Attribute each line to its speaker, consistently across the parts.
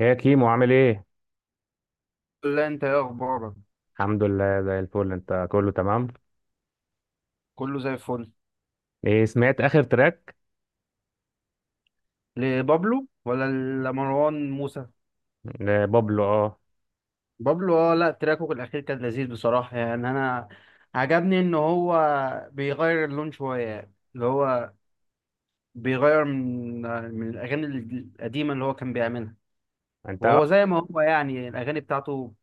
Speaker 1: يا كيمو، عامل ايه؟
Speaker 2: لا انت ايه اخبارك.
Speaker 1: الحمد لله، زي الفل. انت كله تمام؟
Speaker 2: كله زي الفل.
Speaker 1: ايه، سمعت اخر تراك
Speaker 2: لبابلو ولا لمروان موسى؟
Speaker 1: لبابلو؟ اه.
Speaker 2: بابلو، اه. لا تراكه الاخير كان لذيذ بصراحه، يعني انا عجبني ان هو بيغير اللون شويه، يعني اللي هو بيغير من الاغاني القديمه اللي هو كان بيعملها،
Speaker 1: انت
Speaker 2: وهو زي ما هو يعني الاغاني بتاعته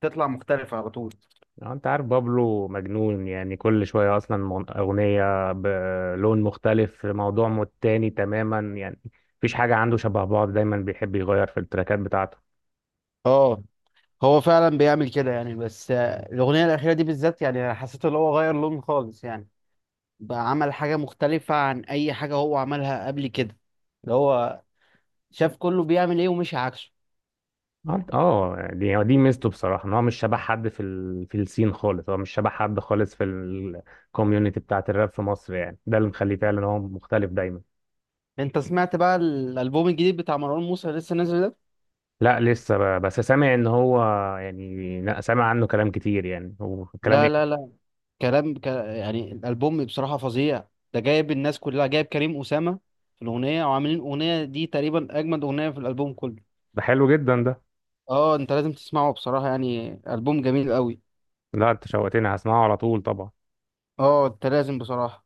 Speaker 2: بتطلع مختلفه على طول.
Speaker 1: اه انت عارف بابلو مجنون، يعني كل شوية اصلا اغنية بلون مختلف، في موضوع تاني تماما يعني. مفيش حاجة عنده شبه بعض، دايما بيحب يغير في التراكات بتاعته.
Speaker 2: اه، هو فعلا بيعمل كده يعني، بس الاغنيه الاخيره دي بالذات يعني حسيت ان هو غير لون خالص، يعني بقى عمل حاجة مختلفة عن أي حاجة هو عملها قبل كده، اللي هو شاف كله بيعمل إيه ومشي عكسه.
Speaker 1: دي ميزته بصراحة، ان هو مش شبه حد في السين خالص، هو مش شبه حد خالص في الكوميونتي بتاعت الراب في مصر، يعني ده اللي مخليه فعلا هو مختلف دايما.
Speaker 2: أنت سمعت بقى الألبوم الجديد بتاع مروان موسى اللي لسه نازل ده؟
Speaker 1: لا، لسه بس سامع ان هو يعني... لا، سامع عنه كلام كتير، يعني وكلام
Speaker 2: لا، لا،
Speaker 1: ايه؟
Speaker 2: لا. يعني الألبوم بصراحة فظيع. ده جايب الناس كلها، جايب كريم أسامة في الأغنية، وعاملين الأغنية دي تقريبا أجمد أغنية في الألبوم كله.
Speaker 1: ده حلو جدا ده.
Speaker 2: اه، انت لازم تسمعه بصراحة، يعني ألبوم جميل قوي.
Speaker 1: لا، انت شوقتني، هسمعه على طول طبعا.
Speaker 2: اه، انت لازم بصراحة.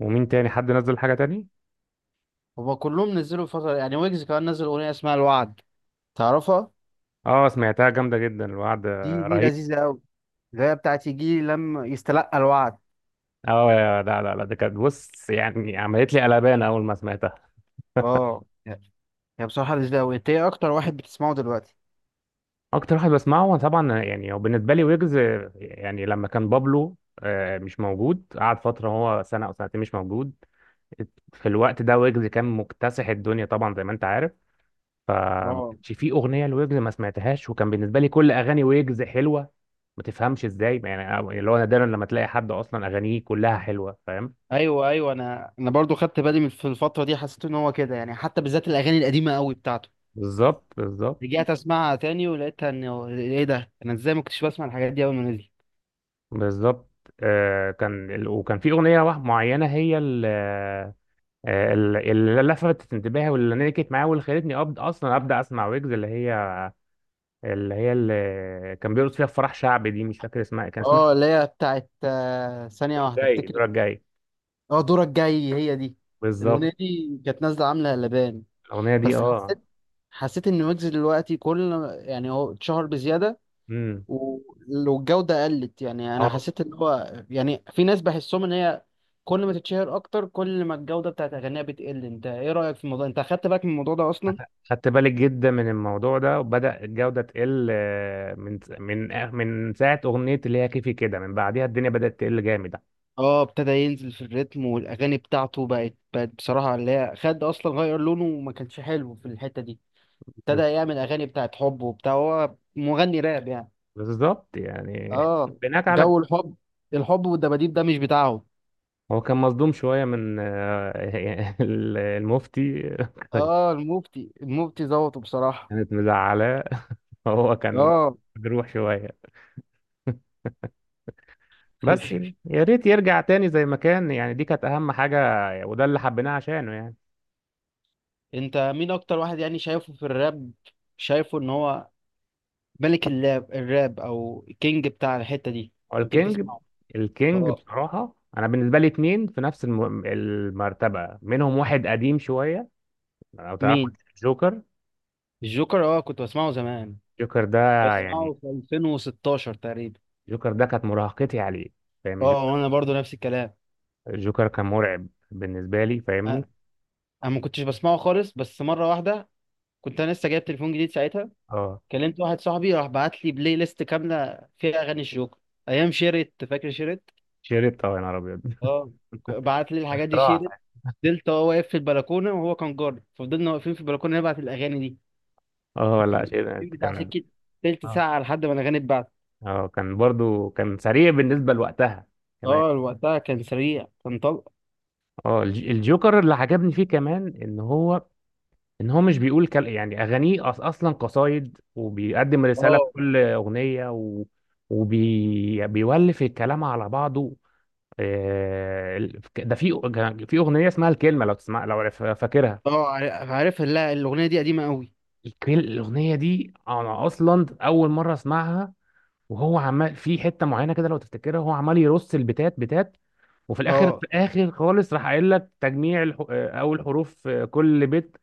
Speaker 1: ومين تاني حد نزل حاجة تاني؟
Speaker 2: هما كلهم نزلوا فترة، يعني ويجز كمان نزل أغنية اسمها الوعد، تعرفها؟
Speaker 1: اه، سمعتها جامدة جدا الوعد،
Speaker 2: دي
Speaker 1: رهيب.
Speaker 2: لذيذة أوي. اللي هي بتاعت يجي لما يستلقى الوعد.
Speaker 1: لا لا لا، ده كانت بص يعني، عملت لي قلبان اول ما سمعتها.
Speaker 2: اه، هي بصراحة لذيذة أوي. أنت إيه أكتر واحد بتسمعه دلوقتي؟
Speaker 1: اكتر واحد بسمعه طبعا يعني، هو بالنسبة لي ويجز. يعني لما كان بابلو مش موجود، قعد فترة، هو سنة أو سنتين مش موجود. في الوقت ده ويجز كان مكتسح الدنيا طبعا، زي ما أنت عارف. فما
Speaker 2: اه،
Speaker 1: كانش في اغنيه لويجز ما سمعتهاش، وكان بالنسبه لي كل اغاني ويجز حلوه. ما تفهمش ازاي يعني، اللي هو نادرا لما تلاقي حد اصلا اغانيه كلها حلوه، فاهم؟
Speaker 2: ايوه ايوه، انا برضو خدت بالي في الفتره دي، حسيت ان هو كده، يعني حتى بالذات الاغاني القديمه قوي بتاعته،
Speaker 1: بالظبط، بالظبط،
Speaker 2: رجعت اسمعها تاني ولقيتها ان هو- ايه ده، انا ازاي ما كنتش بسمع الحاجات دي اول ما نزل.
Speaker 1: بالظبط. وكان في اغنيه واحده معينه، هي ال- آه، ال- اللي لفتت انتباهي، واللي نكت معايا، واللي خلتني أبد اصلا ابدا اسمع ويجز، اللي كان بيرقص فيها في فرح شعبي، دي مش فاكر اسمها. كان اسمها
Speaker 2: اه، اللي هي بتاعت ثانيه
Speaker 1: الدور
Speaker 2: واحده
Speaker 1: الجاي،
Speaker 2: افتكر.
Speaker 1: الدور الجاي.
Speaker 2: اه، دورك جاي، هي دي الاغنيه
Speaker 1: بالظبط.
Speaker 2: دي كانت نازله عامله قلبان.
Speaker 1: الاغنيه دي،
Speaker 2: بس
Speaker 1: اه.
Speaker 2: حسيت حسيت ان ويجز دلوقتي كل، يعني هو اتشهر بزياده
Speaker 1: امم
Speaker 2: ولو الجوده قلت، يعني انا حسيت ان هو يعني في ناس بحسهم ان هي كل ما تتشهر اكتر كل ما الجوده بتاعت اغانيها بتقل. انت ايه رايك في الموضوع، انت اخدت بالك من الموضوع ده اصلا؟
Speaker 1: خدت بالك جدا من الموضوع ده، وبدأ الجودة تقل من ساعة أغنية اللي هي كيفي كده، من بعديها الدنيا بدأت تقل جامد.
Speaker 2: اه، ابتدى ينزل في الريتم، والاغاني بتاعته بقت بصراحه اللي هي خد اصلا غير لونه وما كانش حلو في الحته دي. ابتدى
Speaker 1: بالظبط،
Speaker 2: يعمل اغاني بتاعت حب وبتاع، هو مغني راب يعني.
Speaker 1: بالظبط يعني.
Speaker 2: اه،
Speaker 1: بناك على
Speaker 2: جو الحب، الحب والدباديب ده مش بتاعه.
Speaker 1: هو كان مصدوم شوية من المفتي
Speaker 2: اه المفتي، المفتي ظبطه بصراحة.
Speaker 1: كانت مزعلاه، هو كان
Speaker 2: اه.
Speaker 1: مجروح شوية بس. يا ريت يرجع تاني زي ما كان، يعني دي كانت أهم حاجة، وده اللي حبيناه عشانه يعني.
Speaker 2: انت مين اكتر واحد يعني شايفه في الراب، شايفه ان هو ملك الراب او كينج بتاع الحتة دي،
Speaker 1: هو
Speaker 2: لما تيجي
Speaker 1: الكينج.
Speaker 2: تسمعه؟
Speaker 1: الكينج
Speaker 2: اه،
Speaker 1: بصراحة أنا بالنسبة لي اتنين في نفس المرتبة، منهم واحد قديم شوية لو تعرف:
Speaker 2: مين؟
Speaker 1: جوكر.
Speaker 2: الجوكر، اه كنت بسمعه زمان،
Speaker 1: جوكر ده يعني،
Speaker 2: بسمعه في 2016 تقريبا.
Speaker 1: جوكر ده كانت مراهقتي عليه، فاهم
Speaker 2: اه، وانا برضو نفس الكلام.
Speaker 1: جوكر؟ كان مرعب بالنسبة لي، فاهمني؟
Speaker 2: انا ما كنتش بسمعه خالص، بس مرة واحدة كنت انا لسه جايب تليفون جديد ساعتها،
Speaker 1: اه
Speaker 2: كلمت واحد صاحبي راح بعت لي بلاي ليست كاملة فيها اغاني الجوكر ايام شيرت، فاكر شيرت؟
Speaker 1: شربت، اه يا نهار أبيض.
Speaker 2: اه، بعت لي الحاجات دي
Speaker 1: راح،
Speaker 2: شيرت. فضلت هو واقف في البلكونه وهو كان جاري، ففضلنا واقفين في البلكونه نبعت الاغاني دي،
Speaker 1: اه لا
Speaker 2: فضلنا واقفين
Speaker 1: شربت
Speaker 2: بتاع
Speaker 1: كان،
Speaker 2: سكه تلت
Speaker 1: اه،
Speaker 2: ساعه لحد ما الاغاني اتبعت.
Speaker 1: اه، كان برضو سريع بالنسبة لوقتها كمان.
Speaker 2: اه، وقتها كان سريع كان طلق.
Speaker 1: اه الجوكر اللي عجبني فيه كمان ان هو مش بيقول يعني اغانيه اصلا قصايد، وبيقدم رساله في
Speaker 2: اه.
Speaker 1: كل اغنيه وبيولف بيولف الكلام على بعضه. ده في في اغنيه اسمها الكلمه لو تسمع، لو فاكرها.
Speaker 2: اه عارف، لا الاغنيه دي قديمه قوي.
Speaker 1: الاغنيه دي انا اصلا اول مره اسمعها، وهو عمال في حته معينه كده لو تفتكرها، هو عمال يرص البتات بتات. وفي الاخر، في
Speaker 2: اه.
Speaker 1: الاخر خالص، راح قايل لك تجميع الح... آه، اول حروف، كل بيت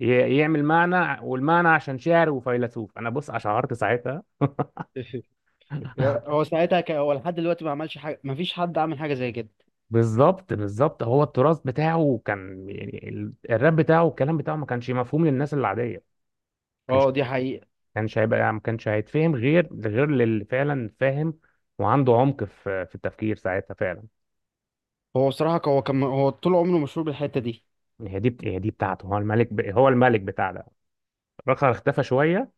Speaker 1: يعمل معنى، والمعنى عشان شاعر وفيلسوف، انا بص اشعرت ساعتها.
Speaker 2: هو ساعتها هو لحد دلوقتي ما عملش حاجه، ما فيش حد عمل حاجه زي كده.
Speaker 1: بالظبط، بالظبط. هو التراث بتاعه كان يعني الراب بتاعه والكلام بتاعه ما كانش مفهوم للناس العاديه. كانش
Speaker 2: اه دي حقيقه.
Speaker 1: كانش هيبقى، ما كانش هيتفهم غير للي فعلا فاهم وعنده عمق في التفكير ساعتها فعلا.
Speaker 2: هو كان، هو طول عمره مشهور بالحته دي.
Speaker 1: يعني هي دي بتاعته، هو الملك هو الملك بتاع ده. رخر اختفى شويه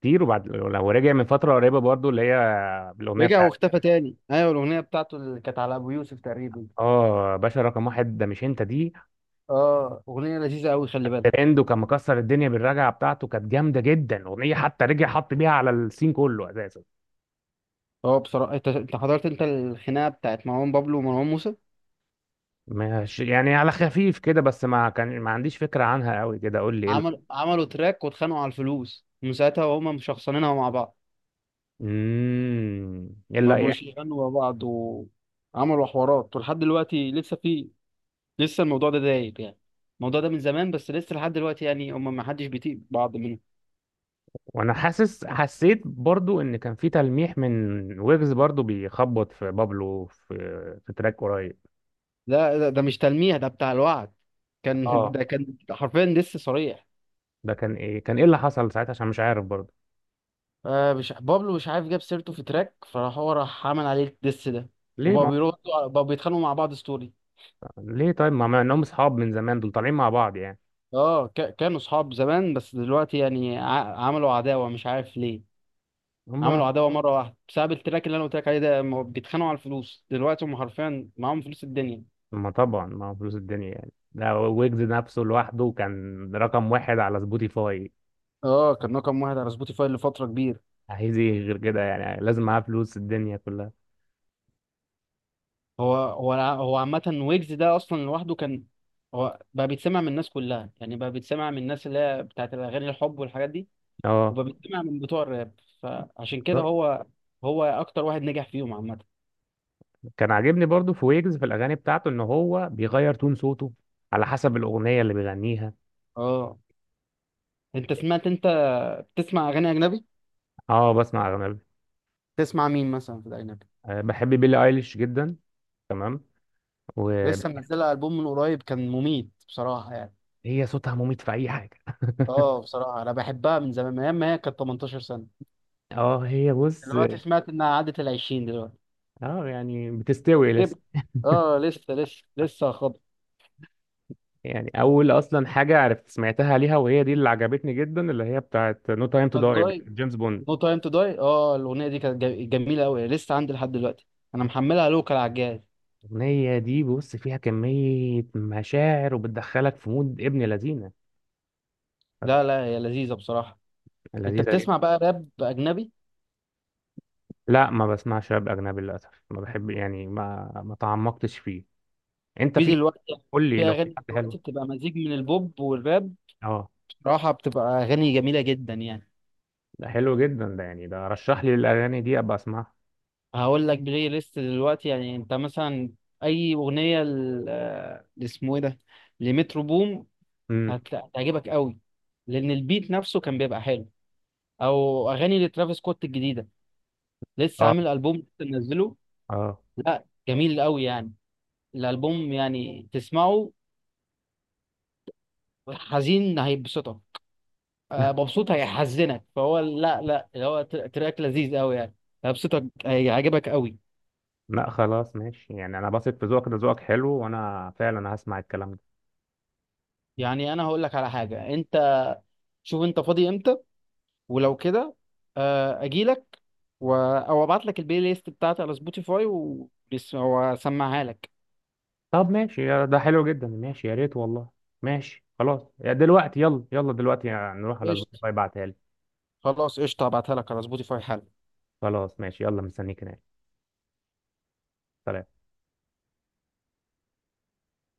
Speaker 1: كتير، وبعد لو رجع من فتره قريبه برضو اللي هي بالاغنيه
Speaker 2: رجع
Speaker 1: بتاعت
Speaker 2: واختفى تاني، ايوه الاغنيه بتاعته اللي كانت على ابو يوسف تقريبا.
Speaker 1: اه باشا رقم واحد، ده مش انت دي؟
Speaker 2: اه اغنيه لذيذه قوي، خلي بالك.
Speaker 1: ترند، وكان مكسر الدنيا بالرجعه بتاعته، كانت جامده جدا اغنيه، حتى رجع حط بيها على السين كله اساسا.
Speaker 2: هو بصراحة، انت حضرت انت الخناقة بتاعت مروان بابلو ومروان موسى؟
Speaker 1: ماشي يعني على خفيف كده، بس ما عنديش فكره عنها قوي كده، قول لي ايه
Speaker 2: عملوا تراك واتخانقوا على الفلوس، من ساعتها وهما مشخصنينها مع بعض،
Speaker 1: ايه
Speaker 2: ما
Speaker 1: اللي
Speaker 2: بقوش
Speaker 1: يعني؟
Speaker 2: يغنوا مع بعض وعملوا حوارات ولحد دلوقتي لسه في، لسه الموضوع ده دايب يعني، الموضوع ده من زمان بس لسه لحد دلوقتي يعني هما ما حدش بيطيق بعض منهم.
Speaker 1: وانا حسيت برضو ان كان في تلميح من ويجز برضو بيخبط في بابلو في تراك قريب.
Speaker 2: لا ده مش تلميح، ده بتاع الوعد. كان
Speaker 1: اه،
Speaker 2: ده كان حرفيا دس صريح.
Speaker 1: ده كان ايه، اللي حصل ساعتها عشان مش عارف برضو؟
Speaker 2: آه، مش بابلو مش عارف جاب سيرته في تراك، فراح هو راح عمل عليه الدس ده.
Speaker 1: ليه
Speaker 2: وبقوا
Speaker 1: ما...
Speaker 2: بيردوا بقوا بيتخانقوا مع بعض ستوري.
Speaker 1: ليه طيب، ما انهم اصحاب من زمان دول طالعين مع بعض يعني.
Speaker 2: اه كانوا اصحاب زمان، بس دلوقتي يعني عملوا عداوه مش عارف ليه.
Speaker 1: هم.
Speaker 2: عملوا عداوه مره واحده بسبب التراك اللي انا قلت لك عليه ده. هم بيتخانقوا على الفلوس دلوقتي، هم حرفيا معاهم فلوس الدنيا.
Speaker 1: ما طبعا ما هو فلوس الدنيا يعني، ده ويجز نفسه لوحده كان رقم واحد على سبوتيفاي،
Speaker 2: اه، كان رقم واحد على سبوتيفاي لفتره كبيره.
Speaker 1: عايز ايه غير كده يعني؟ لازم معاه فلوس الدنيا كلها.
Speaker 2: هو عامه، ويجز ده اصلا لوحده كان، هو بقى بيتسمع من الناس كلها، يعني بقى بيتسمع من الناس اللي هي بتاعت الاغاني الحب والحاجات دي،
Speaker 1: اه،
Speaker 2: وبقى بيتسمع من بتوع الراب، فعشان كده
Speaker 1: بالظبط.
Speaker 2: هو هو اكتر واحد نجح فيهم عامه.
Speaker 1: كان عاجبني برضو في ويجز في الاغاني بتاعته ان هو بيغير تون صوته على حسب الاغنيه اللي بيغنيها.
Speaker 2: اه، انت سمعت؟ بتسمع اغاني اجنبي؟
Speaker 1: اه، بسمع اغاني.
Speaker 2: تسمع مين مثلا في الاجنبي؟
Speaker 1: بحب بيلي ايليش جدا، تمام. وهي
Speaker 2: لسه منزله البوم من قريب كان مميت بصراحه يعني.
Speaker 1: صوتها مميت في اي حاجه.
Speaker 2: اه بصراحه، انا بحبها من زمان من ايام ما هي كانت 18 سنه.
Speaker 1: اه هي بص،
Speaker 2: دلوقتي سمعت انها عدت ال 20 دلوقتي
Speaker 1: اه يعني بتستوي.
Speaker 2: كبر. اه لسه خبط.
Speaker 1: يعني اول اصلا حاجه عرفت سمعتها ليها وهي دي اللي عجبتني جدا، اللي هي بتاعت نو تايم تو
Speaker 2: نوت
Speaker 1: داي
Speaker 2: جاي،
Speaker 1: بتاعت جيمس بوند.
Speaker 2: نو تايم تو داي، اه الاغنيه دي كانت جميله قوي. لسه عندي لحد دلوقتي، انا محملها لوكال على الجهاز.
Speaker 1: الاغنيه دي بص فيها كميه مشاعر، وبتدخلك في مود ابن لذينه.
Speaker 2: لا لا، هي لذيذه بصراحه. انت
Speaker 1: لذيذه
Speaker 2: بتسمع
Speaker 1: جدا.
Speaker 2: بقى راب اجنبي؟
Speaker 1: لا، ما بسمعش راب اجنبي للاسف، ما بحب يعني، ما تعمقتش فيه. انت في
Speaker 2: دلوقتي
Speaker 1: قول لي
Speaker 2: في
Speaker 1: لو في
Speaker 2: اغاني
Speaker 1: حد حلو.
Speaker 2: دلوقتي بتبقى مزيج من البوب والراب،
Speaker 1: اه،
Speaker 2: بصراحه بتبقى اغاني جميله جدا يعني.
Speaker 1: ده حلو جدا ده، يعني ده رشح لي الاغاني دي ابقى اسمعها.
Speaker 2: هقول لك بلاي ليست دلوقتي يعني، انت مثلا اي اغنيه اسمه ايه ده، لمترو بوم
Speaker 1: امم.
Speaker 2: هتعجبك قوي، لان البيت نفسه كان بيبقى حلو. او اغاني لترافيس سكوت الجديده، لسه
Speaker 1: اه.
Speaker 2: عامل البوم لسه منزله.
Speaker 1: اه.
Speaker 2: لا جميل قوي يعني، الالبوم يعني تسمعه حزين هيبسطك، مبسوط هيحزنك، فهو لا لا اللي هو تراك لذيذ قوي يعني. هيبسطك هيعجبك قوي.
Speaker 1: لا خلاص ماشي يعني، انا بثق في ذوقك، ده ذوقك حلو، وانا فعلا هسمع الكلام ده.
Speaker 2: يعني انا هقول لك على حاجه. انت شوف انت فاضي امتى، ولو كده اجيلك، او ابعت لك البلاي ليست بتاعتي على سبوتيفاي واسمعها لك.
Speaker 1: طب ماشي، ده حلو جدا، ماشي يا ريت والله. ماشي خلاص، يا دلوقتي يلا يلا دلوقتي، يعني نروح على
Speaker 2: قشطة.
Speaker 1: سبوتيفاي، بعتها لي.
Speaker 2: خلاص قشطة هبعتها لك على سبوتيفاي حالا.
Speaker 1: خلاص ماشي، يلا، مستنيك هناك. سلام.